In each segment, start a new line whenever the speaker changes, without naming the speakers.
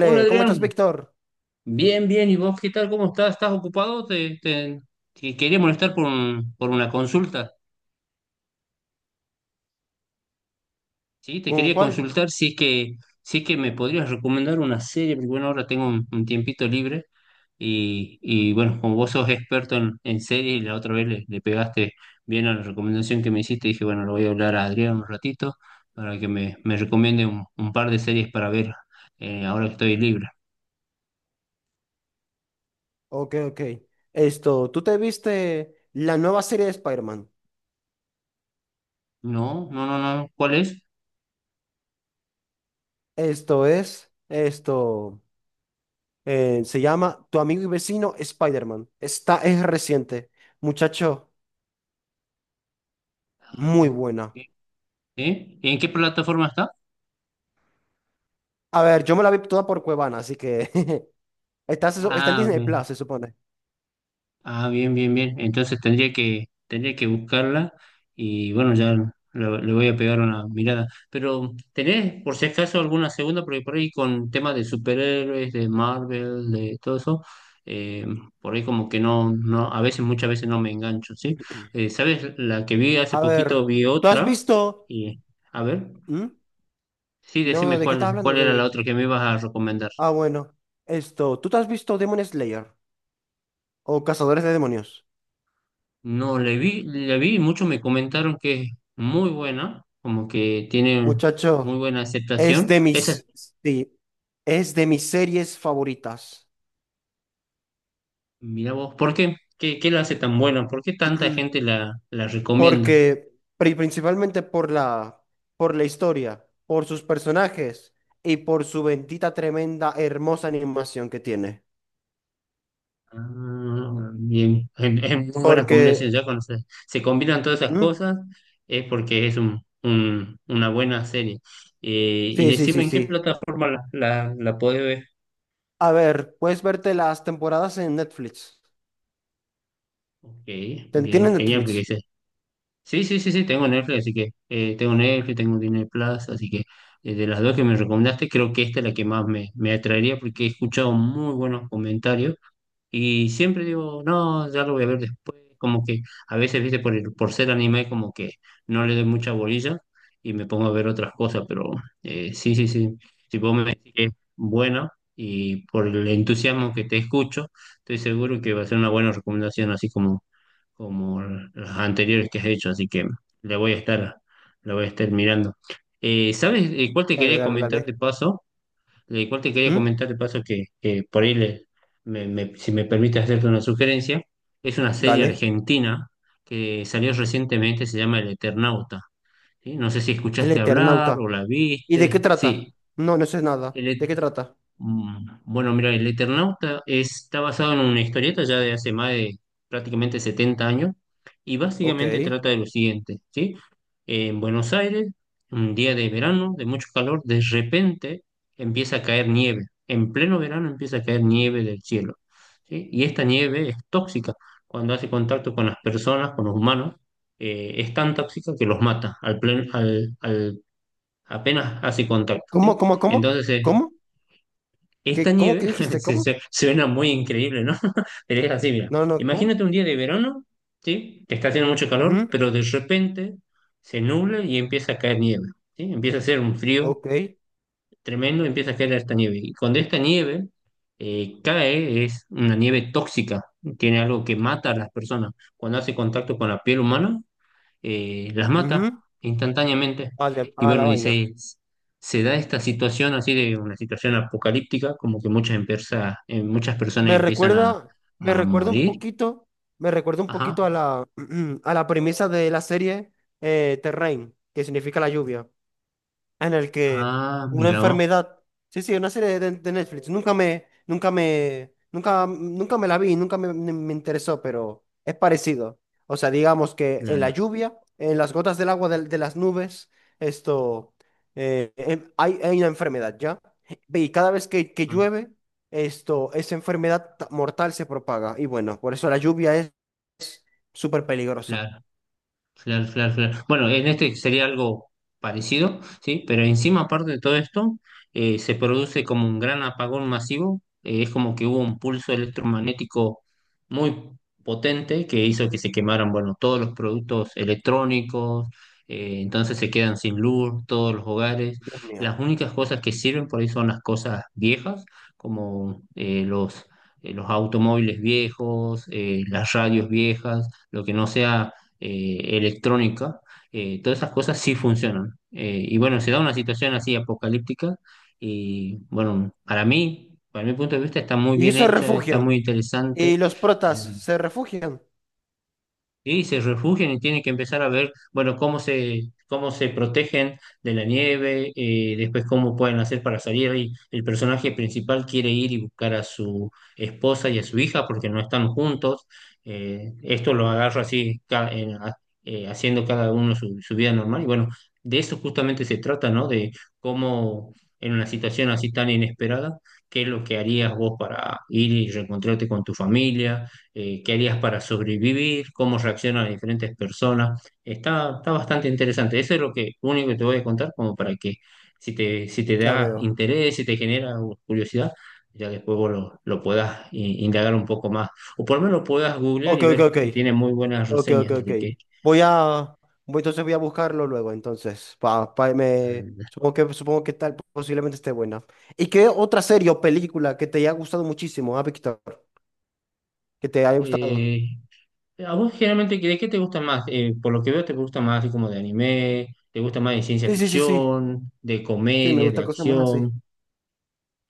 Hola
¿cómo
Adrián,
estás, Víctor?
bien, ¿y vos qué tal? ¿Cómo estás? ¿Estás ocupado? Te quería molestar por una consulta, ¿sí? Te
¿Con
quería
cuál?
consultar si es que me podrías recomendar una serie, porque bueno, ahora tengo un tiempito libre bueno, como vos sos experto en series, y la otra vez le pegaste bien a la recomendación que me hiciste, dije, bueno, lo voy a hablar a Adrián un ratito para que me recomiende un par de series para ver ahora que estoy libre.
Ok, ok. Esto, ¿tú te viste la nueva serie de Spider-Man?
No, no, no, no, ¿cuál es?
Esto es, esto, se llama Tu amigo y vecino Spider-Man. Esta es reciente. Muchacho,
Ah,
muy
ok.
buena.
¿Sí? ¿En qué plataforma está?
A ver, yo me la vi toda por Cuevana, así que está, está en
Ah,
Disney
bien,
Plus, se supone.
ah, bien, bien, bien. Entonces tendría que buscarla y bueno, ya le voy a pegar una mirada. Pero, ¿tenés por si acaso alguna segunda? Porque por ahí con temas de superhéroes, de Marvel, de todo eso, eh, por ahí como que no, no, a veces, muchas veces no me engancho, ¿sí? ¿Sabes? La que vi hace
A
poquito
ver,
vi
¿tú has
otra
visto?
y, a ver,
¿Mm?
sí,
No, no,
decime
¿de qué
cuál,
estás hablando?
cuál era la
De...
otra que me ibas a recomendar.
Ah, bueno. Esto, ¿tú te has visto Demon Slayer o Cazadores de Demonios?
No, le vi, la vi y muchos me comentaron que es muy buena, como que tiene muy
Muchacho.
buena
Es
aceptación.
de
Esa es,
mis, sí, es de mis series favoritas.
mira vos, ¿por qué? ¿Qué, qué la hace tan buena? ¿Por qué tanta gente la recomienda?
Porque, principalmente por por la historia, por sus personajes y por su bendita, tremenda, hermosa animación que tiene.
Ah, bien, es muy buena combinación.
Porque,
Ya se combinan todas esas
¿Mm?
cosas es porque es una buena serie. Y
Sí, sí,
decime
sí,
en qué
sí.
plataforma la podés ver.
A ver, puedes verte las temporadas en Netflix.
Ok, bien,
¿Tienes
genial,
Netflix?
porque sí, sí, sí, sí, tengo Netflix, así que tengo Netflix, tengo Disney Plus, así que de las dos que me recomendaste, creo que esta es la que más me atraería porque he escuchado muy buenos comentarios y siempre digo, no, ya lo voy a ver después, como que a veces, viste, por ser anime, como que no le doy mucha bolilla y me pongo a ver otras cosas, pero sí, sí, sí, si vos me decís que es buena y por el entusiasmo que te escucho, estoy seguro que va a ser una buena recomendación, así como como las anteriores que has hecho, así que le voy a estar, le voy a estar mirando. ¿Sabes cuál te
Dale,
quería
dale,
comentar de
dale.
paso? ¿Cuál te quería
¿Mm?
comentar de paso que por ahí, si me permite hacerte una sugerencia? Es una serie
Dale.
argentina que salió recientemente, se llama El Eternauta. ¿Sí? No sé si
El
escuchaste hablar o
Eternauta.
la
¿Y de qué
viste.
trata?
Sí,
No, no sé nada. ¿De qué trata?
Bueno, mira, el Eternauta está basado en una historieta ya de hace más de prácticamente 70 años y
Ok.
básicamente trata de lo siguiente, ¿sí? En Buenos Aires, un día de verano, de mucho calor, de repente empieza a caer nieve. En pleno verano empieza a caer nieve del cielo, ¿sí? Y esta nieve es tóxica. Cuando hace contacto con las personas, con los humanos, es tan tóxica que los mata al plen- al- al- apenas hace contacto,
¿Cómo,
¿sí?
cómo, cómo?
Entonces,
¿Cómo?
esta
¿Qué, cómo
nieve
que dijiste? ¿Cómo?
suena muy increíble, ¿no? Pero es así, mira.
No, no, ¿cómo?
Imagínate un día de verano, ¿sí? Que está haciendo mucho calor,
Ujú,
pero de repente se nubla y empieza a caer nieve, ¿sí? Empieza a hacer un frío
ok,
tremendo, empieza a caer esta nieve. Y cuando esta nieve cae, es una nieve tóxica, tiene algo que mata a las personas. Cuando hace contacto con la piel humana, las mata
ujú.
instantáneamente. Y
A la
bueno,
vaina.
se da esta situación así de una situación apocalíptica, como que muchas, empresas, muchas personas
Me
empiezan
recuerda,
a morir.
me recuerda un
Ajá.
poquito a a la premisa de la serie Terrain, que significa la lluvia, en el que
Ah,
una
mira vos,
enfermedad, sí, sí, una serie de Netflix, nunca me la vi, nunca me, me- me interesó, pero es parecido. O sea, digamos que en la
claro.
lluvia, en las gotas del agua de las nubes, esto, hay una enfermedad, ¿ya? Y cada vez que
Ah,
llueve, esto, mortal se propaga. Y bueno, por eso la lluvia es súper peligrosa.
claro. Claro, claro, claro. Bueno, en este sería algo parecido, ¿sí? Pero encima, aparte de todo esto, se produce como un gran apagón masivo. Es como que hubo un pulso electromagnético muy potente que hizo que se quemaran, bueno, todos los productos electrónicos. Entonces se quedan sin luz todos los hogares.
Dios mío.
Las únicas cosas que sirven por ahí son las cosas viejas, como eh, los, los automóviles viejos, las radios viejas, lo que no sea electrónica, todas esas cosas sí funcionan. Y bueno, se da una situación así apocalíptica y bueno, para mí, para mi punto de vista, está muy
Y
bien
se
hecha, está
refugian.
muy interesante.
Y los protas se refugian.
Sí, se refugian y tienen que empezar a ver, bueno, cómo se protegen de la nieve, después cómo pueden hacer para salir. Y el personaje principal quiere ir y buscar a su esposa y a su hija porque no están juntos. Esto lo agarra así, haciendo cada uno su vida normal. Y bueno, de eso justamente se trata, ¿no? De cómo en una situación así tan inesperada, ¿qué es lo que harías vos para ir y reencontrarte con tu familia? ¿Qué harías para sobrevivir, cómo reaccionan las diferentes personas? Está, está bastante interesante. Eso es lo que, lo único que te voy a contar, como para que si te, si te
Ya
da
veo.
interés, si te genera curiosidad, ya después vos lo puedas i- indagar un poco más. O por lo menos lo puedas googlear
Ok,
y
ok,
ver
ok.
que tiene muy buenas
Ok, ok,
reseñas.
ok.
Así que,
Voy a. Entonces voy a buscarlo luego. Entonces,
anda.
supongo que tal posiblemente esté buena. ¿Y qué otra serie o película que te haya gustado muchísimo, ah, Víctor? Que te haya gustado.
Eh, ¿A vos generalmente de qué te gusta más? Por lo que veo, te gusta más así como de anime, te gusta más de ciencia
Sí, sí, sí, sí.
ficción, de
Sí, me
comedia, de
gusta cosas más así.
acción.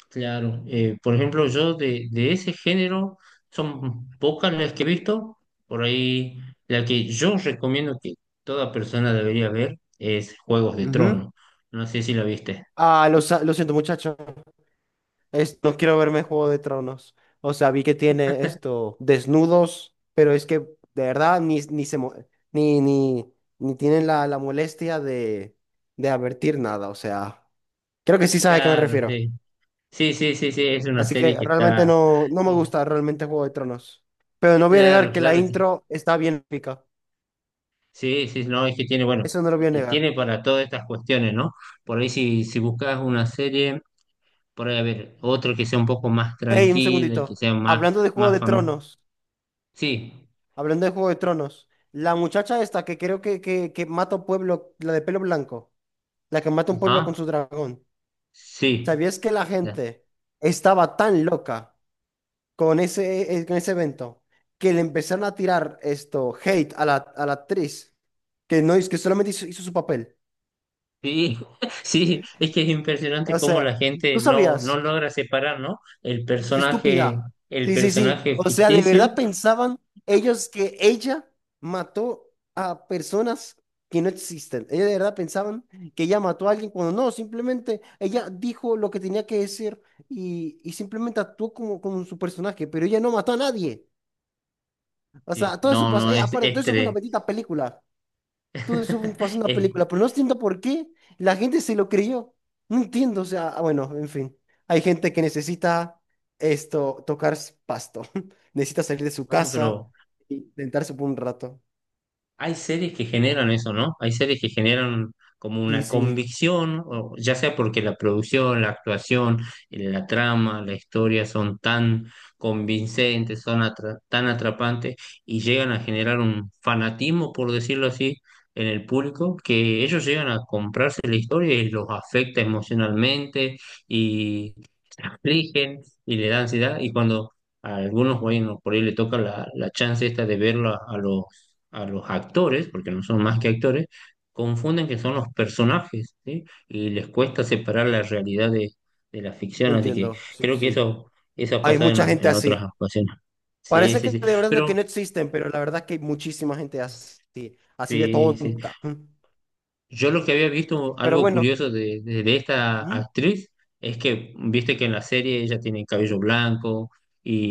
Claro, por ejemplo, yo de ese género son pocas las que he visto. Por ahí, la que yo recomiendo que toda persona debería ver es Juegos de
Ujú.
Trono. No sé si la viste.
Ah, lo siento, muchacho. No quiero verme Juego de Tronos. O sea, vi que tiene esto, desnudos, pero es que de verdad ni, ni se mo- ni, ni, ni tienen la molestia de advertir nada. O sea, creo que sí sabe a qué me
Claro,
refiero.
sí. Sí, sí, sí, sí, es una
Así que
serie que
realmente
está.
no, no me
Sí,
gusta realmente Juego de Tronos. Pero no voy a
claro,
negar que la
claro.
intro está bien épica.
Sí, sí, no, es que tiene, bueno,
Eso no lo voy a
y
negar.
tiene para todas estas cuestiones, ¿no? Por ahí, si, si buscas una serie, por ahí, a ver, otro que sea un poco más
Ey, un
tranquila, y que
segundito.
sea más,
Hablando de Juego
más
de
familiar.
Tronos,
Sí,
hablando de Juego de Tronos, la muchacha esta que creo que mata a pueblo, la de pelo blanco, la que mata a un pueblo con
ajá,
su dragón.
sí,
¿Sabías que la
ya,
gente estaba tan loca con ese evento que le empezaron a tirar esto, hate a a la actriz, que no es que solamente hizo, hizo su papel?
sí, sí, es que es impresionante
O
cómo
sea,
la
¿tú
gente no, no
sabías?
logra separar, ¿no?
Es estúpida.
El
Sí, sí, sí.
personaje
O sea, de
ficticio,
verdad pensaban ellos que ella mató a personas que no existen. Ellos de verdad pensaban que ella mató a alguien cuando no, simplemente ella dijo lo que tenía que decir y simplemente actuó como, como su personaje, pero ella no mató a nadie. O sea,
sí,
todo eso
no,
pasó.
no,
Aparte, todo
es
eso fue una
tres.
bendita película, todo eso pasó en una
Es-
película, pero no entiendo por qué la gente se lo creyó. No entiendo, o sea, ah, bueno, en fin. Hay gente que necesita esto, pasto, necesita salir de su
bueno,
casa
pero
y tentarse por un rato.
hay series que generan eso, ¿no? Hay series que generan como
Sí,
una
sí,
convicción, o ya sea porque la producción, la actuación, la trama, la historia son tan convincentes, tan atrapantes y llegan a generar un fanatismo, por decirlo así, en el público, que ellos llegan a comprarse la historia y los afecta emocionalmente y se afligen y le da ansiedad. Y cuando a algunos, bueno, por ahí le toca la chance esta de verla a los actores, porque no son más que actores, confunden que son los personajes, ¿sí? Y les cuesta separar la realidad de la ficción, así que
entiendo, sí,
creo que
sí.
eso ha
Hay
pasado
mucha gente
en otras
así.
ocasiones. Sí,
Parece
sí,
que
sí.
de verdad que
Pero,
no existen, pero la verdad que hay muchísima gente así, así de
sí, sí.
tonta.
Yo lo que había visto,
Pero
algo
bueno,
curioso de esta
¿Mm?
actriz, es que, viste que en la serie ella tiene cabello blanco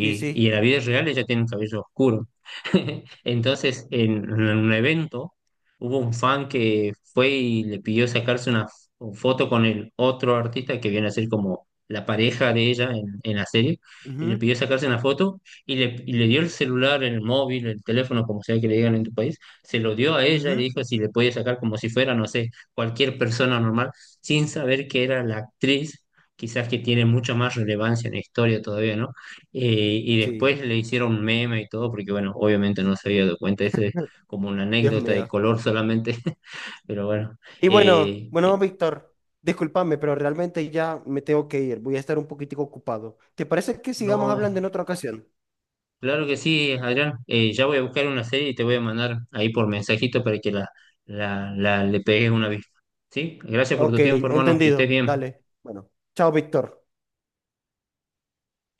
Sí,
y
sí.
en la vida real ella tiene un cabello oscuro. Entonces, en un evento, hubo un fan que fue y le pidió sacarse una f- foto con el otro artista que viene a ser como la pareja de ella en la serie, y le
Ujú,
pidió sacarse una foto y le dio el celular, el móvil, el teléfono, como sea que le digan en tu país se lo dio a ella y le
ujú.
dijo si le podía sacar como si fuera, no sé, cualquier persona normal, sin saber que era la actriz, quizás que tiene mucha más relevancia en la historia todavía, ¿no? Y
Sí,
después le hicieron meme y todo, porque bueno, obviamente no se había dado cuenta, eso es como una
Dios
anécdota de
mío.
color solamente, pero bueno,
Y bueno,
eh, eh,
bueno, Víctor, discúlpame, pero realmente ya me tengo que ir. Voy a estar un poquitico ocupado. ¿Te parece que sigamos
no.
hablando en otra ocasión?
Claro que sí, Adrián. Ya voy a buscar una serie y te voy a mandar ahí por mensajito para que la le pegues una vista. ¿Sí? Gracias por
Ok,
tu tiempo, hermano. Que estés
entendido.
bien.
Dale. Bueno, chao, Víctor.